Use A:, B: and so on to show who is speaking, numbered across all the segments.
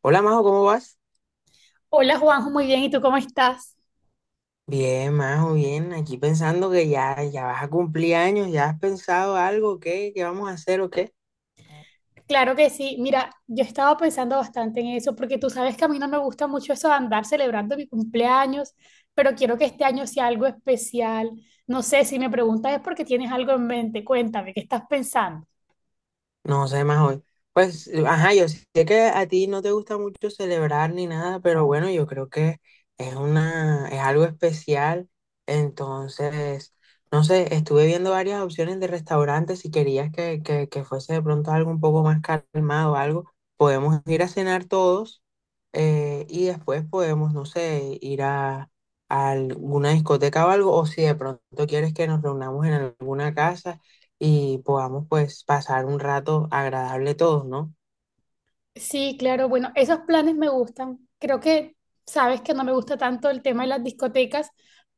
A: Hola Majo, ¿cómo vas?
B: Hola Juanjo, muy bien, ¿y tú cómo estás?
A: Bien, Majo, bien. Aquí pensando que ya vas a cumplir años, ¿ya has pensado algo? ¿Qué? ¿Qué vamos a hacer o qué?
B: Claro que sí, mira, yo estaba pensando bastante en eso, porque tú sabes que a mí no me gusta mucho eso de andar celebrando mi cumpleaños, pero quiero que este año sea algo especial. No sé, si me preguntas es porque tienes algo en mente, cuéntame, ¿qué estás pensando?
A: No sé más hoy. Pues, ajá, yo sé que a ti no te gusta mucho celebrar ni nada, pero bueno, yo creo que es algo especial. Entonces, no sé, estuve viendo varias opciones de restaurantes. Si querías que fuese de pronto algo un poco más calmado, algo, podemos ir a cenar todos y después podemos, no sé, a alguna discoteca o algo. O si de pronto quieres que nos reunamos en alguna casa y podamos pues pasar un rato agradable todos, ¿no?
B: Sí, claro, bueno, esos planes me gustan. Creo que sabes que no me gusta tanto el tema de las discotecas,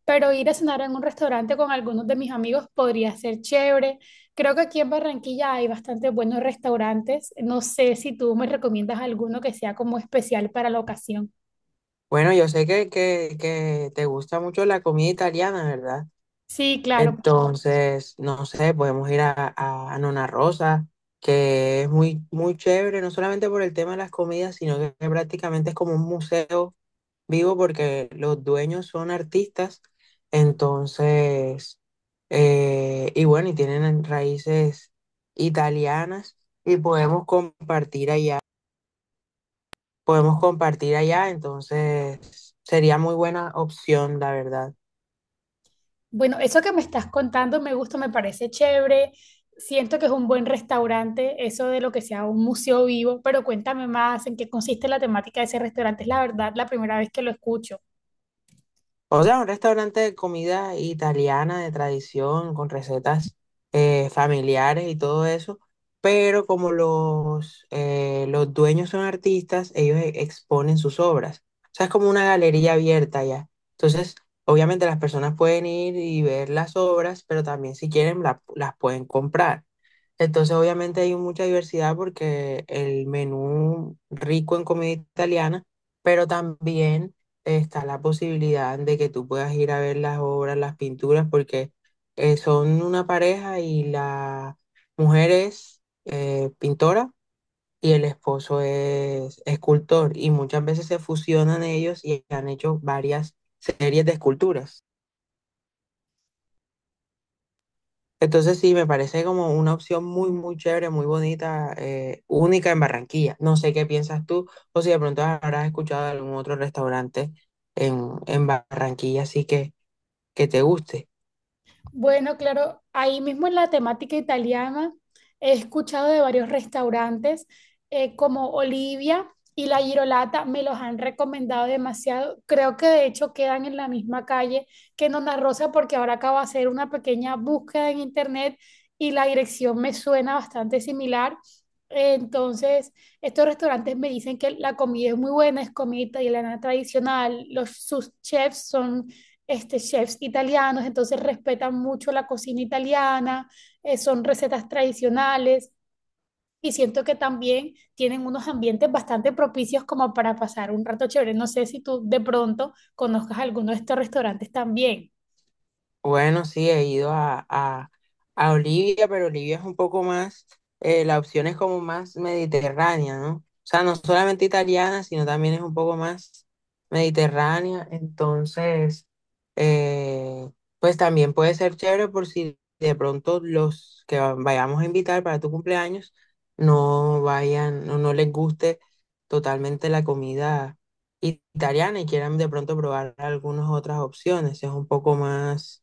B: pero ir a cenar en un restaurante con algunos de mis amigos podría ser chévere. Creo que aquí en Barranquilla hay bastantes buenos restaurantes. No sé si tú me recomiendas alguno que sea como especial para la ocasión.
A: Bueno, yo sé que te gusta mucho la comida italiana, ¿verdad?
B: Sí, claro.
A: Entonces, no sé, podemos ir a Nona Rosa, que es muy, muy chévere, no solamente por el tema de las comidas, sino que prácticamente es como un museo vivo porque los dueños son artistas. Entonces, y bueno, y tienen raíces italianas y podemos compartir allá, entonces sería muy buena opción, la verdad.
B: Bueno, eso que me estás contando me gusta, me parece chévere. Siento que es un buen restaurante, eso de lo que sea un museo vivo, pero cuéntame más en qué consiste la temática de ese restaurante. Es la verdad la primera vez que lo escucho.
A: O sea, un restaurante de comida italiana de tradición, con recetas familiares y todo eso, pero como los dueños son artistas, ellos exponen sus obras. O sea, es como una galería abierta ya. Entonces, obviamente las personas pueden ir y ver las obras, pero también si quieren las pueden comprar. Entonces, obviamente hay mucha diversidad porque el menú rico en comida italiana, pero también está la posibilidad de que tú puedas ir a ver las obras, las pinturas, porque son una pareja y la mujer es pintora y el esposo es escultor y muchas veces se fusionan ellos y han hecho varias series de esculturas. Entonces sí, me parece como una opción muy, muy chévere, muy bonita, única en Barranquilla. No sé qué piensas tú o si de pronto habrás escuchado de algún otro restaurante en Barranquilla, así que te guste.
B: Bueno, claro, ahí mismo en la temática italiana he escuchado de varios restaurantes como Olivia y La Girolata, me los han recomendado demasiado. Creo que de hecho quedan en la misma calle que Nona Rosa porque ahora acabo de hacer una pequeña búsqueda en internet y la dirección me suena bastante similar. Entonces, estos restaurantes me dicen que la comida es muy buena, es comida italiana tradicional, sus chefs son chefs italianos, entonces respetan mucho la cocina italiana, son recetas tradicionales y siento que también tienen unos ambientes bastante propicios como para pasar un rato chévere. No sé si tú de pronto conozcas alguno de estos restaurantes también.
A: Bueno, sí, he a Olivia, pero Olivia es un poco más, la opción es como más mediterránea, ¿no? O sea, no solamente italiana, sino también es un poco más mediterránea. Entonces, eh, pues también puede ser chévere por si de pronto los que vayamos a invitar para tu cumpleaños no vayan, no les guste totalmente la comida italiana y quieran de pronto probar algunas otras opciones. Es un poco más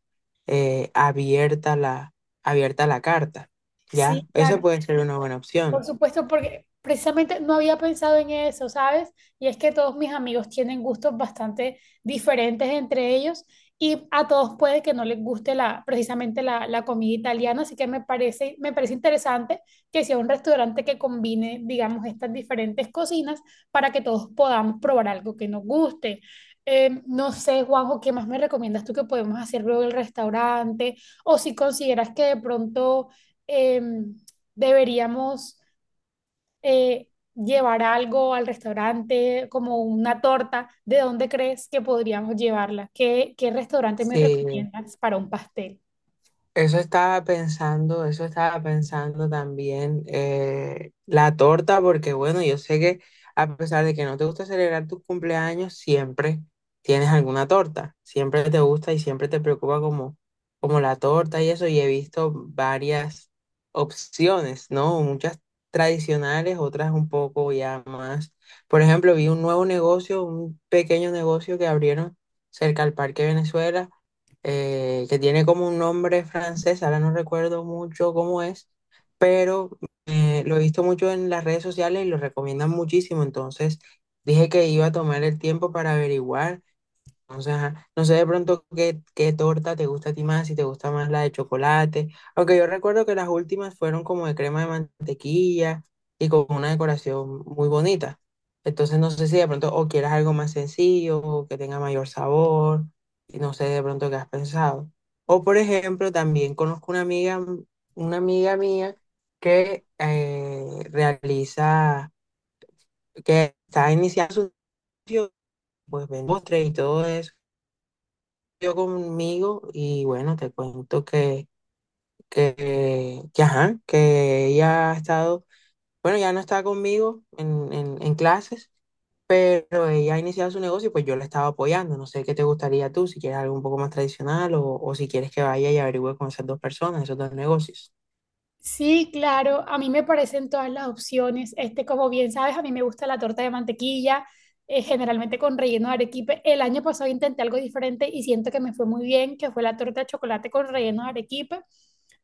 A: eh, abierta la, abierta la carta, ¿ya?
B: Sí,
A: Esa
B: claro.
A: puede ser una buena
B: Por
A: opción.
B: supuesto, porque precisamente no había pensado en eso, ¿sabes? Y es que todos mis amigos tienen gustos bastante diferentes entre ellos y a todos puede que no les guste precisamente la comida italiana, así que me parece interesante que sea un restaurante que combine, digamos, estas diferentes cocinas para que todos podamos probar algo que nos guste. No sé, Juanjo, ¿qué más me recomiendas tú que podemos hacer luego el restaurante? O si consideras que de pronto em, deberíamos eh, llevar algo al restaurante, como una torta, ¿de dónde crees que podríamos llevarla? ¿Qué, qué restaurante me
A: Sí,
B: recomiendas para un pastel?
A: eso estaba pensando, eso estaba pensando también. La torta, porque bueno, yo sé que a pesar de que no te gusta celebrar tus cumpleaños, siempre tienes alguna torta, siempre te gusta y siempre te preocupa como, como la torta y eso. Y he visto varias opciones, ¿no? Muchas tradicionales, otras un poco ya más. Por ejemplo, vi un nuevo negocio, un pequeño negocio que abrieron cerca al Parque Venezuela, que tiene como un nombre francés, ahora no recuerdo mucho cómo es, pero lo he visto mucho en las redes sociales y lo recomiendan muchísimo, entonces dije que iba a tomar el tiempo para averiguar. O sea, no sé de pronto qué torta te gusta a ti más, si te gusta más la de chocolate. Aunque yo recuerdo que las últimas fueron como de crema de mantequilla y con una decoración muy bonita. Entonces no sé si de pronto o quieras algo más sencillo, o que tenga mayor sabor, y no sé de pronto qué has pensado. O por ejemplo, también conozco una amiga mía que que está iniciando su negocio, pues vende postres y todo eso yo conmigo y bueno, te cuento ajá, que ella ha estado, bueno, ya no está conmigo en clases, pero ella ha iniciado su negocio y pues yo la estaba apoyando. No sé qué te gustaría tú, si quieres algo un poco más tradicional o si quieres que vaya y averigüe con esas dos personas, esos dos negocios.
B: Sí, claro, a mí me parecen todas las opciones. Como bien sabes, a mí me gusta la torta de mantequilla, generalmente con relleno de arequipe. El año pasado intenté algo diferente y siento que me fue muy bien, que fue la torta de chocolate con relleno de arequipe.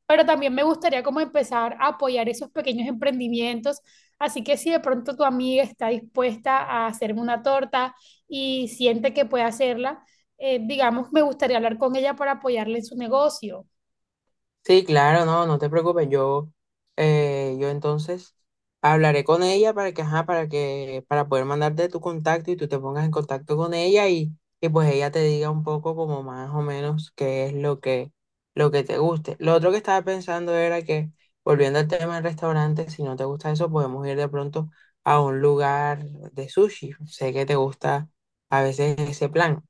B: Pero también me gustaría como empezar a apoyar esos pequeños emprendimientos. Así que si de pronto tu amiga está dispuesta a hacerme una torta y siente que puede hacerla, digamos, me gustaría hablar con ella para apoyarle en su negocio.
A: Sí, claro, no, no te preocupes. Yo, yo entonces hablaré con ella para que, para poder mandarte tu contacto y tú te pongas en contacto con ella y pues ella te diga un poco como más o menos qué es lo lo que te guste. Lo otro que estaba pensando era que, volviendo al tema del restaurante, si no te gusta eso, podemos ir de pronto a un lugar de sushi. Sé que te gusta a veces ese plan.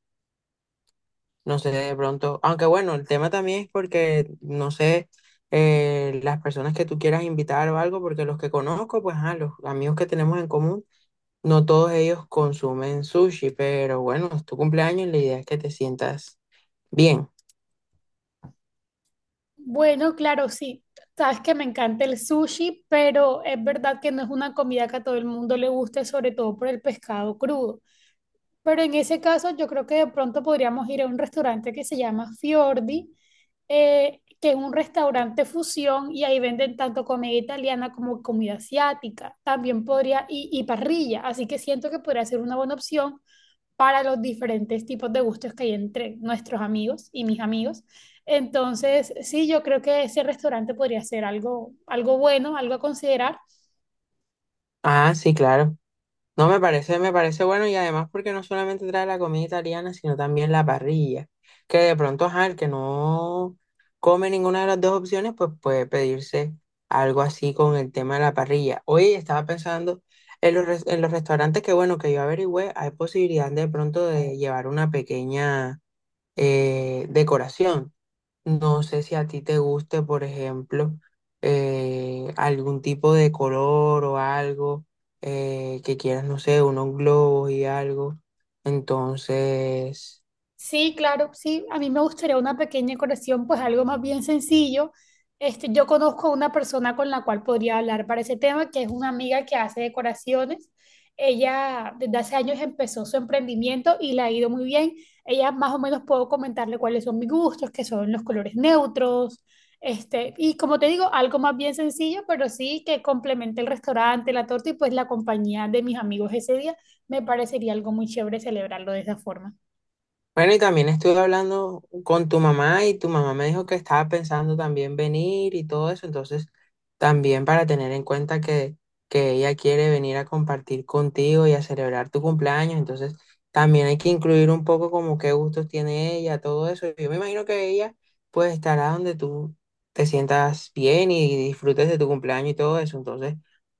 A: No sé, de pronto, aunque bueno, el tema también es porque, no sé, las personas que tú quieras invitar o algo, porque los que conozco, pues, ah, los amigos que tenemos en común, no todos ellos consumen sushi, pero bueno, es tu cumpleaños, la idea es que te sientas bien.
B: Bueno, claro, sí. Sabes que me encanta el sushi, pero es verdad que no es una comida que a todo el mundo le guste, sobre todo por el pescado crudo. Pero en ese caso, yo creo que de pronto podríamos ir a un restaurante que se llama Fiordi, que es un restaurante fusión y ahí venden tanto comida italiana como comida asiática. También podría, y parrilla, así que siento que podría ser una buena opción para los diferentes tipos de gustos que hay entre nuestros amigos y mis amigos. Entonces, sí, yo creo que ese restaurante podría ser algo, algo bueno, algo a considerar.
A: Ah, sí, claro. No, me parece bueno y además porque no solamente trae la comida italiana, sino también la parrilla, que de pronto, ajá, el que no come ninguna de las dos opciones, pues puede pedirse algo así con el tema de la parrilla. Hoy estaba pensando en en los restaurantes que, bueno, que yo averigüé, hay posibilidad de pronto de llevar una pequeña decoración. No sé si a ti te guste, por ejemplo, algún tipo de color o algo que quieras, no sé, unos globos y algo. Entonces...
B: Sí, claro, sí. A mí me gustaría una pequeña colección, pues algo más bien sencillo. Yo conozco a una persona con la cual podría hablar para ese tema, que es una amiga que hace decoraciones. Ella desde hace años empezó su emprendimiento y le ha ido muy bien. Ella más o menos puedo comentarle cuáles son mis gustos, que son los colores neutros, y como te digo, algo más bien sencillo, pero sí que complemente el restaurante, la torta y pues la compañía de mis amigos ese día. Me parecería algo muy chévere celebrarlo de esa forma.
A: Bueno, y también estuve hablando con tu mamá y tu mamá me dijo que estaba pensando también venir y todo eso, entonces también para tener en cuenta que ella quiere venir a compartir contigo y a celebrar tu cumpleaños, entonces también hay que incluir un poco como qué gustos tiene ella, todo eso. Yo me imagino que ella pues estará donde tú te sientas bien y disfrutes de tu cumpleaños y todo eso, entonces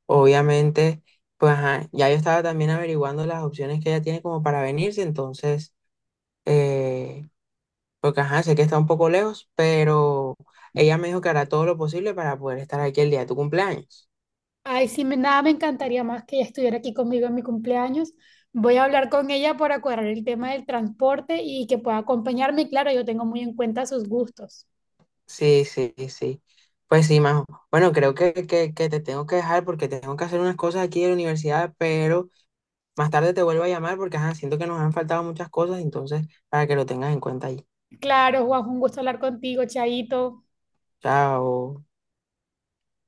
A: obviamente pues ajá, ya yo estaba también averiguando las opciones que ella tiene como para venirse, entonces eh, porque ajá, sé que está un poco lejos, pero ella me dijo que hará todo lo posible para poder estar aquí el día de tu cumpleaños.
B: Ay, sí, nada me encantaría más que ella estuviera aquí conmigo en mi cumpleaños. Voy a hablar con ella para cuadrar el tema del transporte y que pueda acompañarme. Y claro, yo tengo muy en cuenta sus gustos.
A: Sí, sí, sí. Pues sí, Majo. Bueno, creo que te tengo que dejar porque tengo que hacer unas cosas aquí en la universidad, pero más tarde te vuelvo a llamar porque ajá, siento que nos han faltado muchas cosas, entonces para que lo tengas en cuenta ahí.
B: Claro, Juan, un gusto hablar contigo, Chaito.
A: Chao.